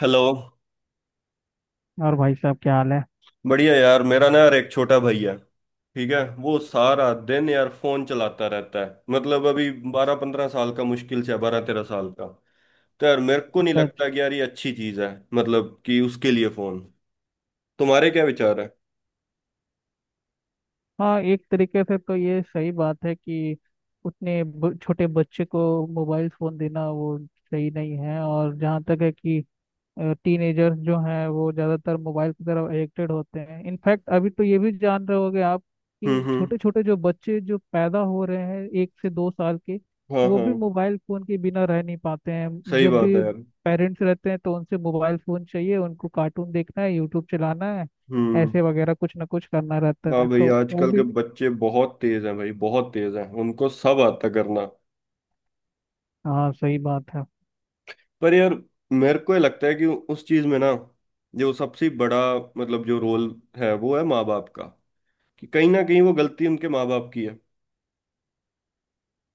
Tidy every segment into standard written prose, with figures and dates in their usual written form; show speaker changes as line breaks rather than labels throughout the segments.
Hello.
और भाई साहब क्या हाल है।
बढ़िया यार। मेरा ना, यार, एक छोटा भाई है, ठीक है? वो सारा दिन यार फोन चलाता रहता है। मतलब अभी बारह पंद्रह साल का, मुश्किल से बारह तेरह साल का। तो यार मेरे को नहीं
सच।
लगता कि यार ये अच्छी चीज है, मतलब कि उसके लिए फोन। तुम्हारे क्या विचार है?
हाँ, एक तरीके से तो ये सही बात है कि छोटे बच्चे को मोबाइल फोन देना वो सही नहीं है। और जहाँ तक है कि टीनेजर्स जो हैं वो ज़्यादातर मोबाइल की तरफ एडिक्टेड होते हैं। इनफैक्ट अभी तो ये भी जान रहे होगे आप कि
हम्म।
छोटे छोटे जो बच्चे जो पैदा हो रहे हैं 1 से 2 साल के,
हाँ
वो
हाँ।
भी मोबाइल फ़ोन के बिना रह नहीं पाते हैं।
सही
जब
बात है
भी
यार।
पेरेंट्स रहते हैं तो उनसे मोबाइल फ़ोन चाहिए, उनको कार्टून देखना है, यूट्यूब चलाना है,
हम्म।
ऐसे वगैरह कुछ ना कुछ करना रहता
हाँ
है
भाई,
तो वो
आजकल के
भी।
बच्चे बहुत तेज हैं भाई, बहुत तेज हैं, उनको सब आता करना।
हाँ, सही बात है।
पर यार, मेरे को ये लगता है कि उस चीज में ना, जो सबसे बड़ा मतलब जो रोल है वो है माँ बाप का। कि कहीं ना कहीं वो गलती उनके माँ बाप की है।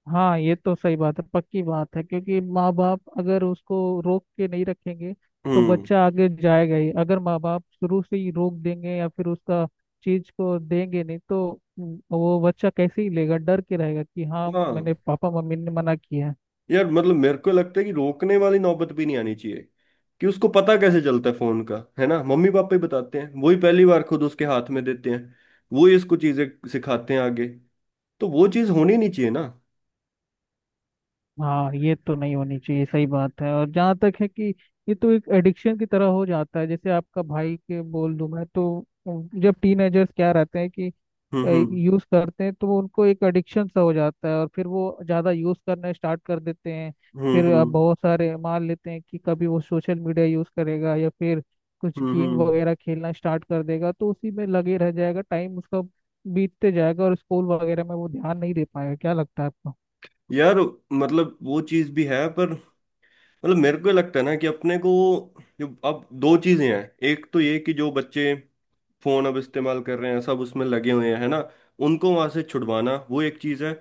हाँ, ये तो सही बात है, पक्की बात है क्योंकि माँ बाप अगर उसको रोक के नहीं रखेंगे तो
हम्म।
बच्चा आगे जाएगा ही। अगर माँ बाप शुरू से ही रोक देंगे या फिर उसका चीज को देंगे नहीं तो वो बच्चा कैसे ही लेगा, डर के रहेगा कि हाँ मैंने
हाँ
पापा मम्मी ने मना किया है।
यार, मतलब मेरे को लगता है कि रोकने वाली नौबत भी नहीं आनी चाहिए। कि उसको पता कैसे चलता है फोन का, है ना? मम्मी पापा ही बताते हैं, वही पहली बार खुद उसके हाथ में देते हैं, वही इसको चीजें सिखाते हैं आगे। तो वो चीज होनी नहीं चाहिए ना।
हाँ, ये तो नहीं होनी चाहिए, सही बात है। और जहाँ तक है कि ये तो एक एडिक्शन की तरह हो जाता है, जैसे आपका भाई के बोल दूं मैं तो, जब टीनेजर्स क्या रहते हैं कि
हम्म।
यूज करते हैं तो वो उनको एक एडिक्शन सा हो जाता है और फिर वो ज्यादा यूज करना स्टार्ट कर देते हैं। फिर
हम्म।
बहुत सारे मान लेते हैं कि कभी वो सोशल मीडिया यूज करेगा या फिर कुछ
हम्म
गेम
हम्म।
वगैरह खेलना स्टार्ट कर देगा तो उसी में लगे रह जाएगा, टाइम उसका बीतते जाएगा और स्कूल वगैरह में वो ध्यान नहीं दे पाएगा। क्या लगता है आपको?
यार मतलब वो चीज भी है, पर मतलब मेरे को ये लगता है ना कि अपने को, जो अब दो चीजें हैं। एक तो ये कि जो बच्चे फोन अब इस्तेमाल कर रहे हैं, सब उसमें लगे हुए हैं, है ना, उनको वहां से छुड़वाना, वो एक चीज है।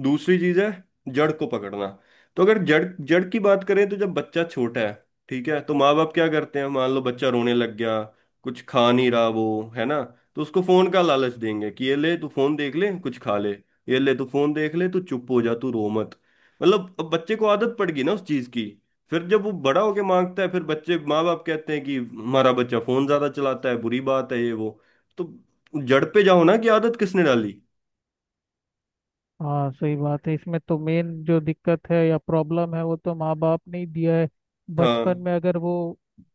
दूसरी चीज है जड़ को पकड़ना। तो अगर जड़ जड़ की बात करें, तो जब बच्चा छोटा है, ठीक है, तो माँ बाप क्या करते हैं? मान लो बच्चा रोने लग गया, कुछ खा नहीं रहा वो, है ना? तो उसको फोन का लालच देंगे कि ये ले तू फोन देख ले कुछ खा ले, ये ले तू फोन देख ले तू चुप हो जा, तू रो मत। मतलब अब बच्चे को आदत पड़ गई ना उस चीज की। फिर जब वो बड़ा होके मांगता है, फिर बच्चे माँ बाप कहते हैं कि हमारा बच्चा फोन ज्यादा चलाता है, बुरी बात है ये वो। तो जड़ पे जाओ ना, कि आदत किसने डाली।
हाँ, सही बात है। इसमें तो मेन जो दिक्कत है या प्रॉब्लम है, वो तो माँ बाप ने ही दिया है। बचपन
हाँ।
में अगर वो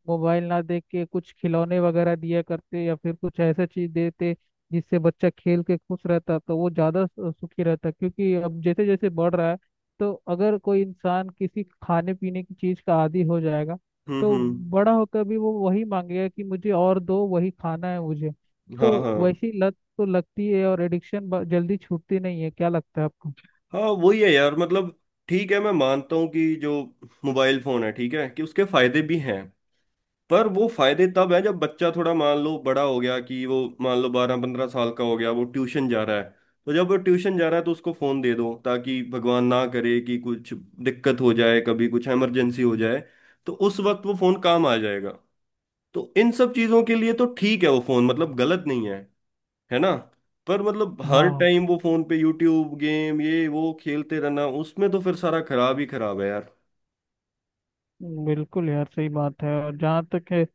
मोबाइल ना देख के कुछ खिलौने वगैरह दिया करते या फिर कुछ ऐसा चीज देते जिससे बच्चा खेल के खुश रहता तो वो ज्यादा सुखी रहता, क्योंकि अब जैसे जैसे बढ़ रहा है, तो अगर कोई इंसान किसी खाने पीने की चीज का आदी हो जाएगा तो
हम्म।
बड़ा होकर भी वो वही मांगेगा कि मुझे और दो, वही खाना है मुझे। तो
हाँ हाँ।
वैसी तो लगती है, और एडिक्शन जल्दी छूटती नहीं है। क्या लगता है आपको?
हाँ वही है यार, मतलब ठीक है, मैं मानता हूँ कि जो मोबाइल फोन है, ठीक है, कि उसके फायदे भी हैं। पर वो फायदे तब है जब बच्चा थोड़ा मान लो बड़ा हो गया, कि वो मान लो बारह पंद्रह साल का हो गया, वो ट्यूशन जा रहा है। तो जब वो ट्यूशन जा रहा है, तो उसको फोन दे दो, ताकि भगवान ना करे कि कुछ दिक्कत हो जाए, कभी कुछ इमरजेंसी हो जाए। तो उस वक्त वो फोन काम आ जाएगा। तो इन सब चीजों के लिए तो ठीक है, वो फोन मतलब गलत नहीं है, है ना? पर मतलब हर
हाँ
टाइम वो फोन पे यूट्यूब गेम ये वो खेलते रहना, उसमें तो फिर सारा खराब ही खराब है यार।
बिल्कुल यार, सही बात है। और जहाँ तक है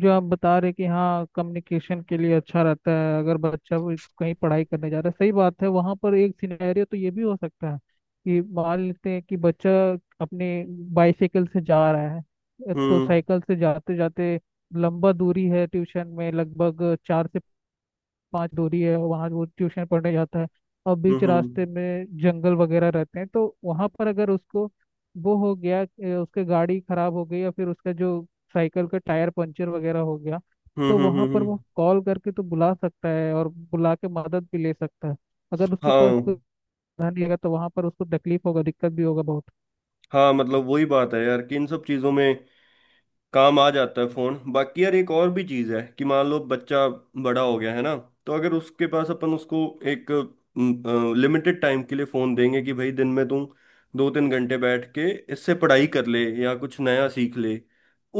जो आप बता रहे कि हाँ कम्युनिकेशन के लिए अच्छा रहता है अगर बच्चा वो कहीं पढ़ाई करने जा रहा है, सही बात है। वहाँ पर एक सिनेरियो तो ये भी हो सकता है कि मान लेते हैं कि बच्चा अपने बाइसाइकिल से जा रहा है, तो
हम्म
साइकिल से जाते जाते लंबा दूरी है, ट्यूशन में लगभग 4 से 5 दूरी है, वहाँ वो ट्यूशन पढ़ने जाता है। और बीच
हम्म।
रास्ते में जंगल वगैरह रहते हैं, तो वहाँ पर अगर उसको वो हो गया कि उसके गाड़ी खराब हो गई या फिर उसका जो साइकिल का टायर पंचर वगैरह हो गया, तो
हम्म।
वहाँ पर वो कॉल करके तो बुला सकता है और बुला के मदद भी ले सकता है। अगर उसके पास कोई
हाँ
साधन नहीं रहेगा, तो वहाँ पर उसको तकलीफ होगा, दिक्कत भी होगा बहुत।
हाँ। मतलब वही बात है यार, कि इन सब चीज़ों में काम आ जाता है फ़ोन। बाकी यार एक और भी चीज़ है, कि मान लो बच्चा बड़ा हो गया, है ना? तो अगर उसके पास अपन उसको एक लिमिटेड टाइम के लिए फ़ोन देंगे कि भाई दिन में तू दो तीन घंटे बैठ के इससे पढ़ाई कर ले या कुछ नया सीख ले।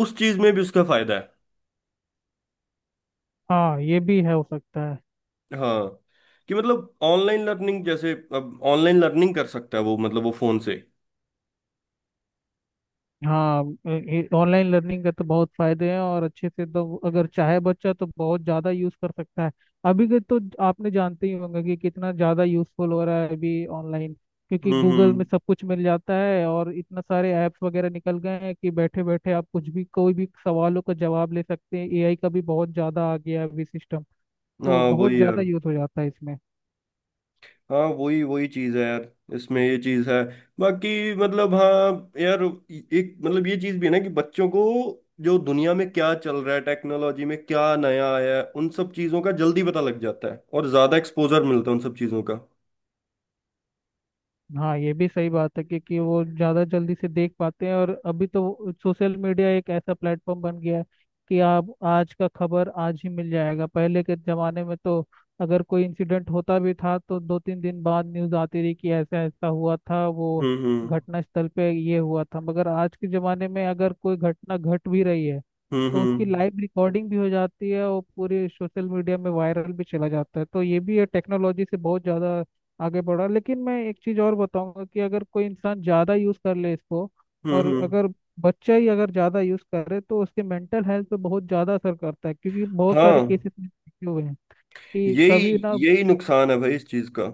उस चीज़ में भी उसका फ़ायदा है।
हाँ, ये भी है, हो सकता है।
हाँ, कि मतलब ऑनलाइन लर्निंग, जैसे अब ऑनलाइन लर्निंग कर सकता है वो, मतलब वो फ़ोन से।
हाँ, ऑनलाइन लर्निंग का तो बहुत फायदे हैं, और अच्छे से तो अगर चाहे बच्चा तो बहुत ज़्यादा यूज़ कर सकता है। अभी के तो आपने जानते ही होंगे कि कितना ज़्यादा यूज़फुल हो रहा है अभी ऑनलाइन, क्योंकि गूगल
हम्म।
में सब कुछ मिल जाता है और इतना सारे ऐप्स वगैरह निकल गए हैं कि बैठे बैठे आप कुछ भी कोई भी सवालों का जवाब ले सकते हैं। एआई का भी बहुत ज़्यादा आ गया है अभी सिस्टम, तो
हाँ
बहुत
वही
ज़्यादा
यार।
यूज़ हो जाता है इसमें।
हाँ वही वही चीज है यार, इसमें ये चीज है। बाकी मतलब हाँ यार। एक मतलब ये चीज भी है ना, कि बच्चों को, जो दुनिया में क्या चल रहा है, टेक्नोलॉजी में क्या नया आया है, उन सब चीजों का जल्दी पता लग जाता है और ज्यादा एक्सपोजर मिलता है उन सब चीजों का।
हाँ, ये भी सही बात है क्योंकि वो ज़्यादा जल्दी से देख पाते हैं। और अभी तो सोशल मीडिया एक ऐसा प्लेटफॉर्म बन गया है कि आप आज का खबर आज ही मिल जाएगा। पहले के ज़माने में तो अगर कोई इंसिडेंट होता भी था तो दो तीन दिन बाद न्यूज़ आती रही कि ऐसा ऐसा हुआ था, वो
हम्म।
घटना स्थल पे ये हुआ था। मगर आज के ज़माने में अगर कोई घटना घट भी रही है तो उसकी
हम्म।
लाइव रिकॉर्डिंग भी हो जाती है और पूरे सोशल मीडिया में वायरल भी चला जाता है। तो ये भी है, टेक्नोलॉजी से बहुत ज़्यादा आगे बढ़ा। लेकिन मैं एक चीज और बताऊंगा कि अगर कोई इंसान ज्यादा यूज कर ले इसको,
हम्म
और
हम्म।
अगर बच्चा ही अगर ज्यादा यूज करे तो उसके मेंटल हेल्थ पे बहुत ज्यादा असर करता है, क्योंकि बहुत
हाँ।
सारे केसेस में देखे हुए हैं कि
यही
कभी ना।
यही नुकसान है भाई इस चीज का।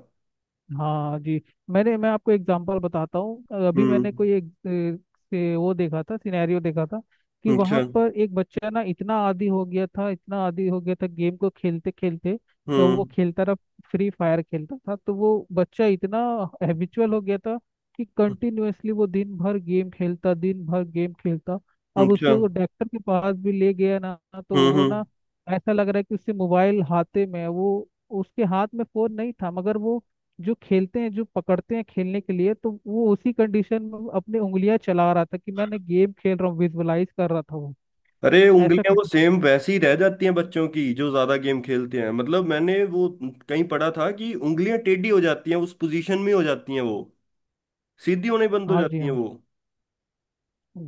हाँ जी। मैं आपको एग्जांपल बताता हूँ। अभी
हम्म।
मैंने कोई एक से वो देखा था, सिनेरियो देखा था कि वहां
अच्छा।
पर एक बच्चा ना इतना आदी हो गया था, इतना आदी हो गया था गेम को खेलते खेलते। तो वो
हम्म।
खेलता रहा, फ्री फायर खेलता था। तो वो बच्चा इतना हैबिचुअल हो गया था कि कंटिन्यूअसली वो दिन भर गेम खेलता, दिन भर गेम खेलता। अब
अच्छा।
उसके वो डॉक्टर के पास भी ले गया ना, तो वो
हम्म।
ना ऐसा लग रहा है कि उससे मोबाइल हाथे में है। वो उसके हाथ में फोन नहीं था, मगर वो जो खेलते हैं जो पकड़ते हैं खेलने के लिए, तो वो उसी कंडीशन में वो अपनी उंगलियां चला रहा था कि मैंने गेम खेल रहा हूँ, विजुअलाइज कर रहा था वो।
अरे,
ऐसा
उंगलियां
कुछ।
वो सेम वैसी रह जाती हैं बच्चों की जो ज्यादा गेम खेलते हैं, मतलब मैंने वो कहीं पढ़ा था कि उंगलियां टेढ़ी हो जाती हैं, उस पोजीशन में हो जाती हैं वो, सीधी होने बंद हो
हाँ जी,
जाती हैं
हाँ
वो।
जी।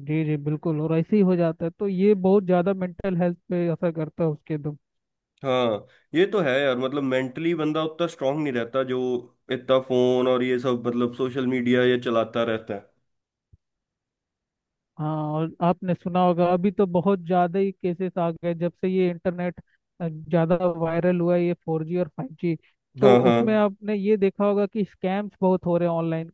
जी जी, बिल्कुल। और ऐसे ही हो जाता है, तो ये बहुत ज्यादा मेंटल हेल्थ पे असर करता है उसके तो।
हाँ ये तो है यार, मतलब मेंटली बंदा उतना स्ट्रांग नहीं रहता जो इतना फोन और ये सब मतलब सोशल मीडिया ये चलाता रहता है।
हाँ, और आपने सुना होगा, अभी तो बहुत ज़्यादा ही केसेस आ गए जब से ये इंटरनेट ज़्यादा वायरल हुआ है, ये 4G और 5G। तो
हाँ हाँ।
उसमें आपने ये देखा होगा कि स्कैम्स बहुत हो रहे हैं ऑनलाइन।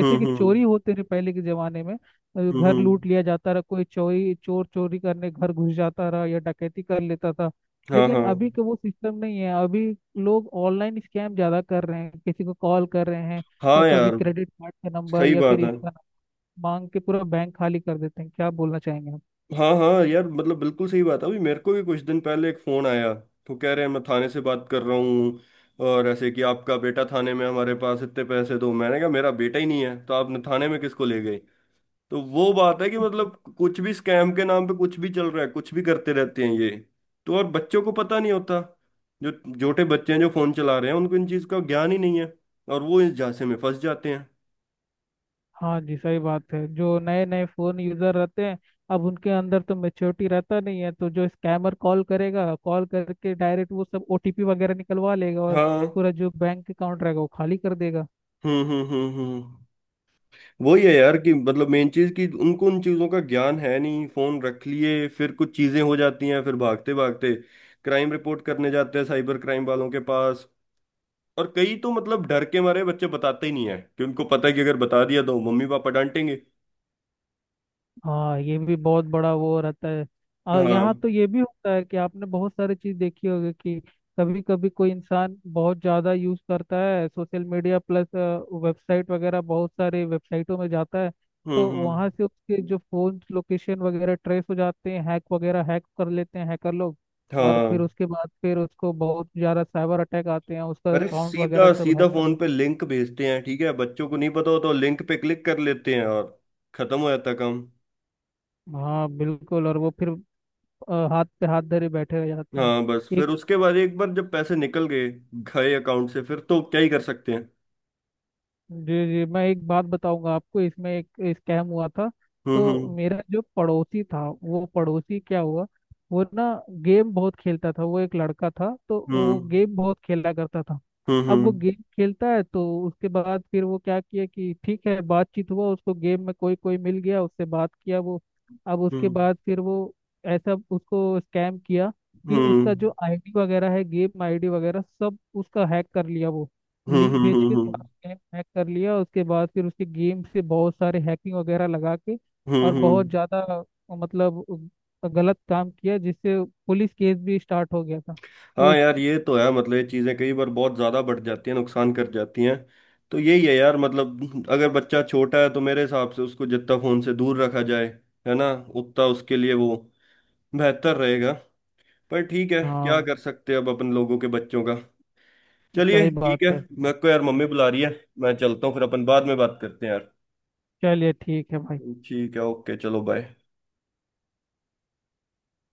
कि
हम्म।
चोरी होते थे पहले के ज़माने में, घर
हम्म।
लूट लिया जाता रहा, कोई चोरी चोर चोरी करने घर घुस जाता रहा, या डकैती कर लेता था।
हाँ
लेकिन
हाँ।
अभी का वो सिस्टम नहीं है, अभी लोग ऑनलाइन स्कैम ज़्यादा कर रहे हैं, किसी को कॉल कर रहे हैं। तो
हाँ
कभी
यार
क्रेडिट कार्ड का नंबर
सही
या फिर
बात है।
इसका मांग के पूरा बैंक खाली कर देते हैं। क्या बोलना चाहेंगे आप?
हाँ हाँ यार, मतलब बिल्कुल सही बात है। अभी मेरे को भी कुछ दिन पहले एक फोन आया, तो कह रहे हैं मैं थाने से बात कर रहा हूँ, और ऐसे कि आपका बेटा थाने में, हमारे पास इतने पैसे दो। मैंने कहा मेरा बेटा ही नहीं है, तो आपने थाने में किसको ले गए? तो वो बात है कि मतलब कुछ भी स्कैम के नाम पे कुछ भी चल रहा है, कुछ भी करते रहते हैं ये। तो और बच्चों को पता नहीं होता, जो छोटे बच्चे हैं जो फोन चला रहे हैं, उनको इन चीज का ज्ञान ही नहीं है, और वो इस झांसे में फंस जाते हैं।
हाँ जी, सही बात है। जो नए नए फोन यूजर रहते हैं, अब उनके अंदर तो मेच्योरिटी रहता नहीं है, तो जो स्कैमर कॉल करेगा, कॉल करके डायरेक्ट वो सब ओटीपी वगैरह निकलवा लेगा और
हाँ।
पूरा जो बैंक अकाउंट रहेगा वो खाली कर देगा।
हम्म। हम्म। वही है यार, कि मतलब मेन चीज कि उनको उन चीजों का ज्ञान है नहीं, फोन रख लिए, फिर कुछ चीजें हो जाती हैं, फिर भागते भागते क्राइम रिपोर्ट करने जाते हैं, साइबर क्राइम वालों के पास। और कई तो मतलब डर के मारे बच्चे बताते ही नहीं है, कि उनको पता है कि अगर बता दिया तो मम्मी पापा डांटेंगे।
हाँ, ये भी बहुत बड़ा वो रहता है। और यहाँ
हाँ।
तो ये भी होता है कि आपने बहुत सारी चीज देखी होगी कि कभी कभी कोई इंसान बहुत ज्यादा यूज करता है सोशल मीडिया प्लस वेबसाइट वगैरह, बहुत सारे वेबसाइटों में जाता है,
हम्म
तो
हम्म,
वहाँ से उसके जो फोन लोकेशन वगैरह ट्रेस हो जाते हैं, हैक वगैरह हैक कर लेते हैं हैकर लोग। और फिर
हाँ।
उसके बाद फिर उसको बहुत ज्यादा साइबर अटैक आते हैं, उसका
अरे
अकाउंट वगैरह
सीधा
सब
सीधा
हैक कर
फोन पे
लेते
लिंक भेजते हैं, ठीक है, बच्चों को नहीं पता होता, लिंक पे क्लिक कर लेते हैं, और खत्म हो जाता काम।
हैं। हाँ बिल्कुल। और वो फिर हाथ पे हाथ धरे बैठे रह जाते हैं।
हाँ, बस फिर
एक।
उसके बाद एक बार जब पैसे निकल गए गए अकाउंट से, फिर तो क्या ही कर सकते हैं।
जी जी, मैं एक बात बताऊंगा आपको, इसमें एक स्कैम हुआ था। तो
हम्म
मेरा जो पड़ोसी था, वो पड़ोसी क्या हुआ, वो ना गेम बहुत खेलता था, वो एक लड़का था, तो वो
हम्म।
गेम बहुत खेला करता था। अब वो
हम्म।
गेम खेलता है, तो उसके बाद फिर वो क्या किया कि ठीक है, बातचीत हुआ, उसको गेम में कोई कोई मिल गया, उससे बात किया वो। अब उसके बाद फिर वो ऐसा उसको स्कैम किया कि
हम्म
उसका जो आईडी वगैरह है, गेम आईडी वगैरह सब उसका हैक कर लिया वो,
हम्म।
लिंक भेज
हम्म।
के हैक हैक कर लिया। उसके बाद फिर उसके गेम से बहुत सारे हैकिंग वगैरह लगा के और
हम्म,
बहुत
हम्म।
ज़्यादा, मतलब गलत काम किया, जिससे पुलिस केस भी स्टार्ट हो गया था। तो
हाँ
इस।
यार, ये तो है, मतलब ये चीजें कई बार बहुत ज्यादा बढ़ जाती हैं, नुकसान कर जाती हैं। तो यही है यार, मतलब अगर बच्चा छोटा है, तो मेरे हिसाब से उसको जितना फोन से दूर रखा जाए, है ना, उतना उसके लिए वो बेहतर रहेगा। पर ठीक है,
हाँ
क्या कर सकते हैं अब अपन लोगों के बच्चों का। चलिए
सही
ठीक
बात
है।
है।
मेरे को यार मम्मी बुला रही है, मैं चलता हूँ, फिर अपन बाद में बात करते हैं यार।
चलिए ठीक है भाई।
ठीक है, ओके, चलो, बाय।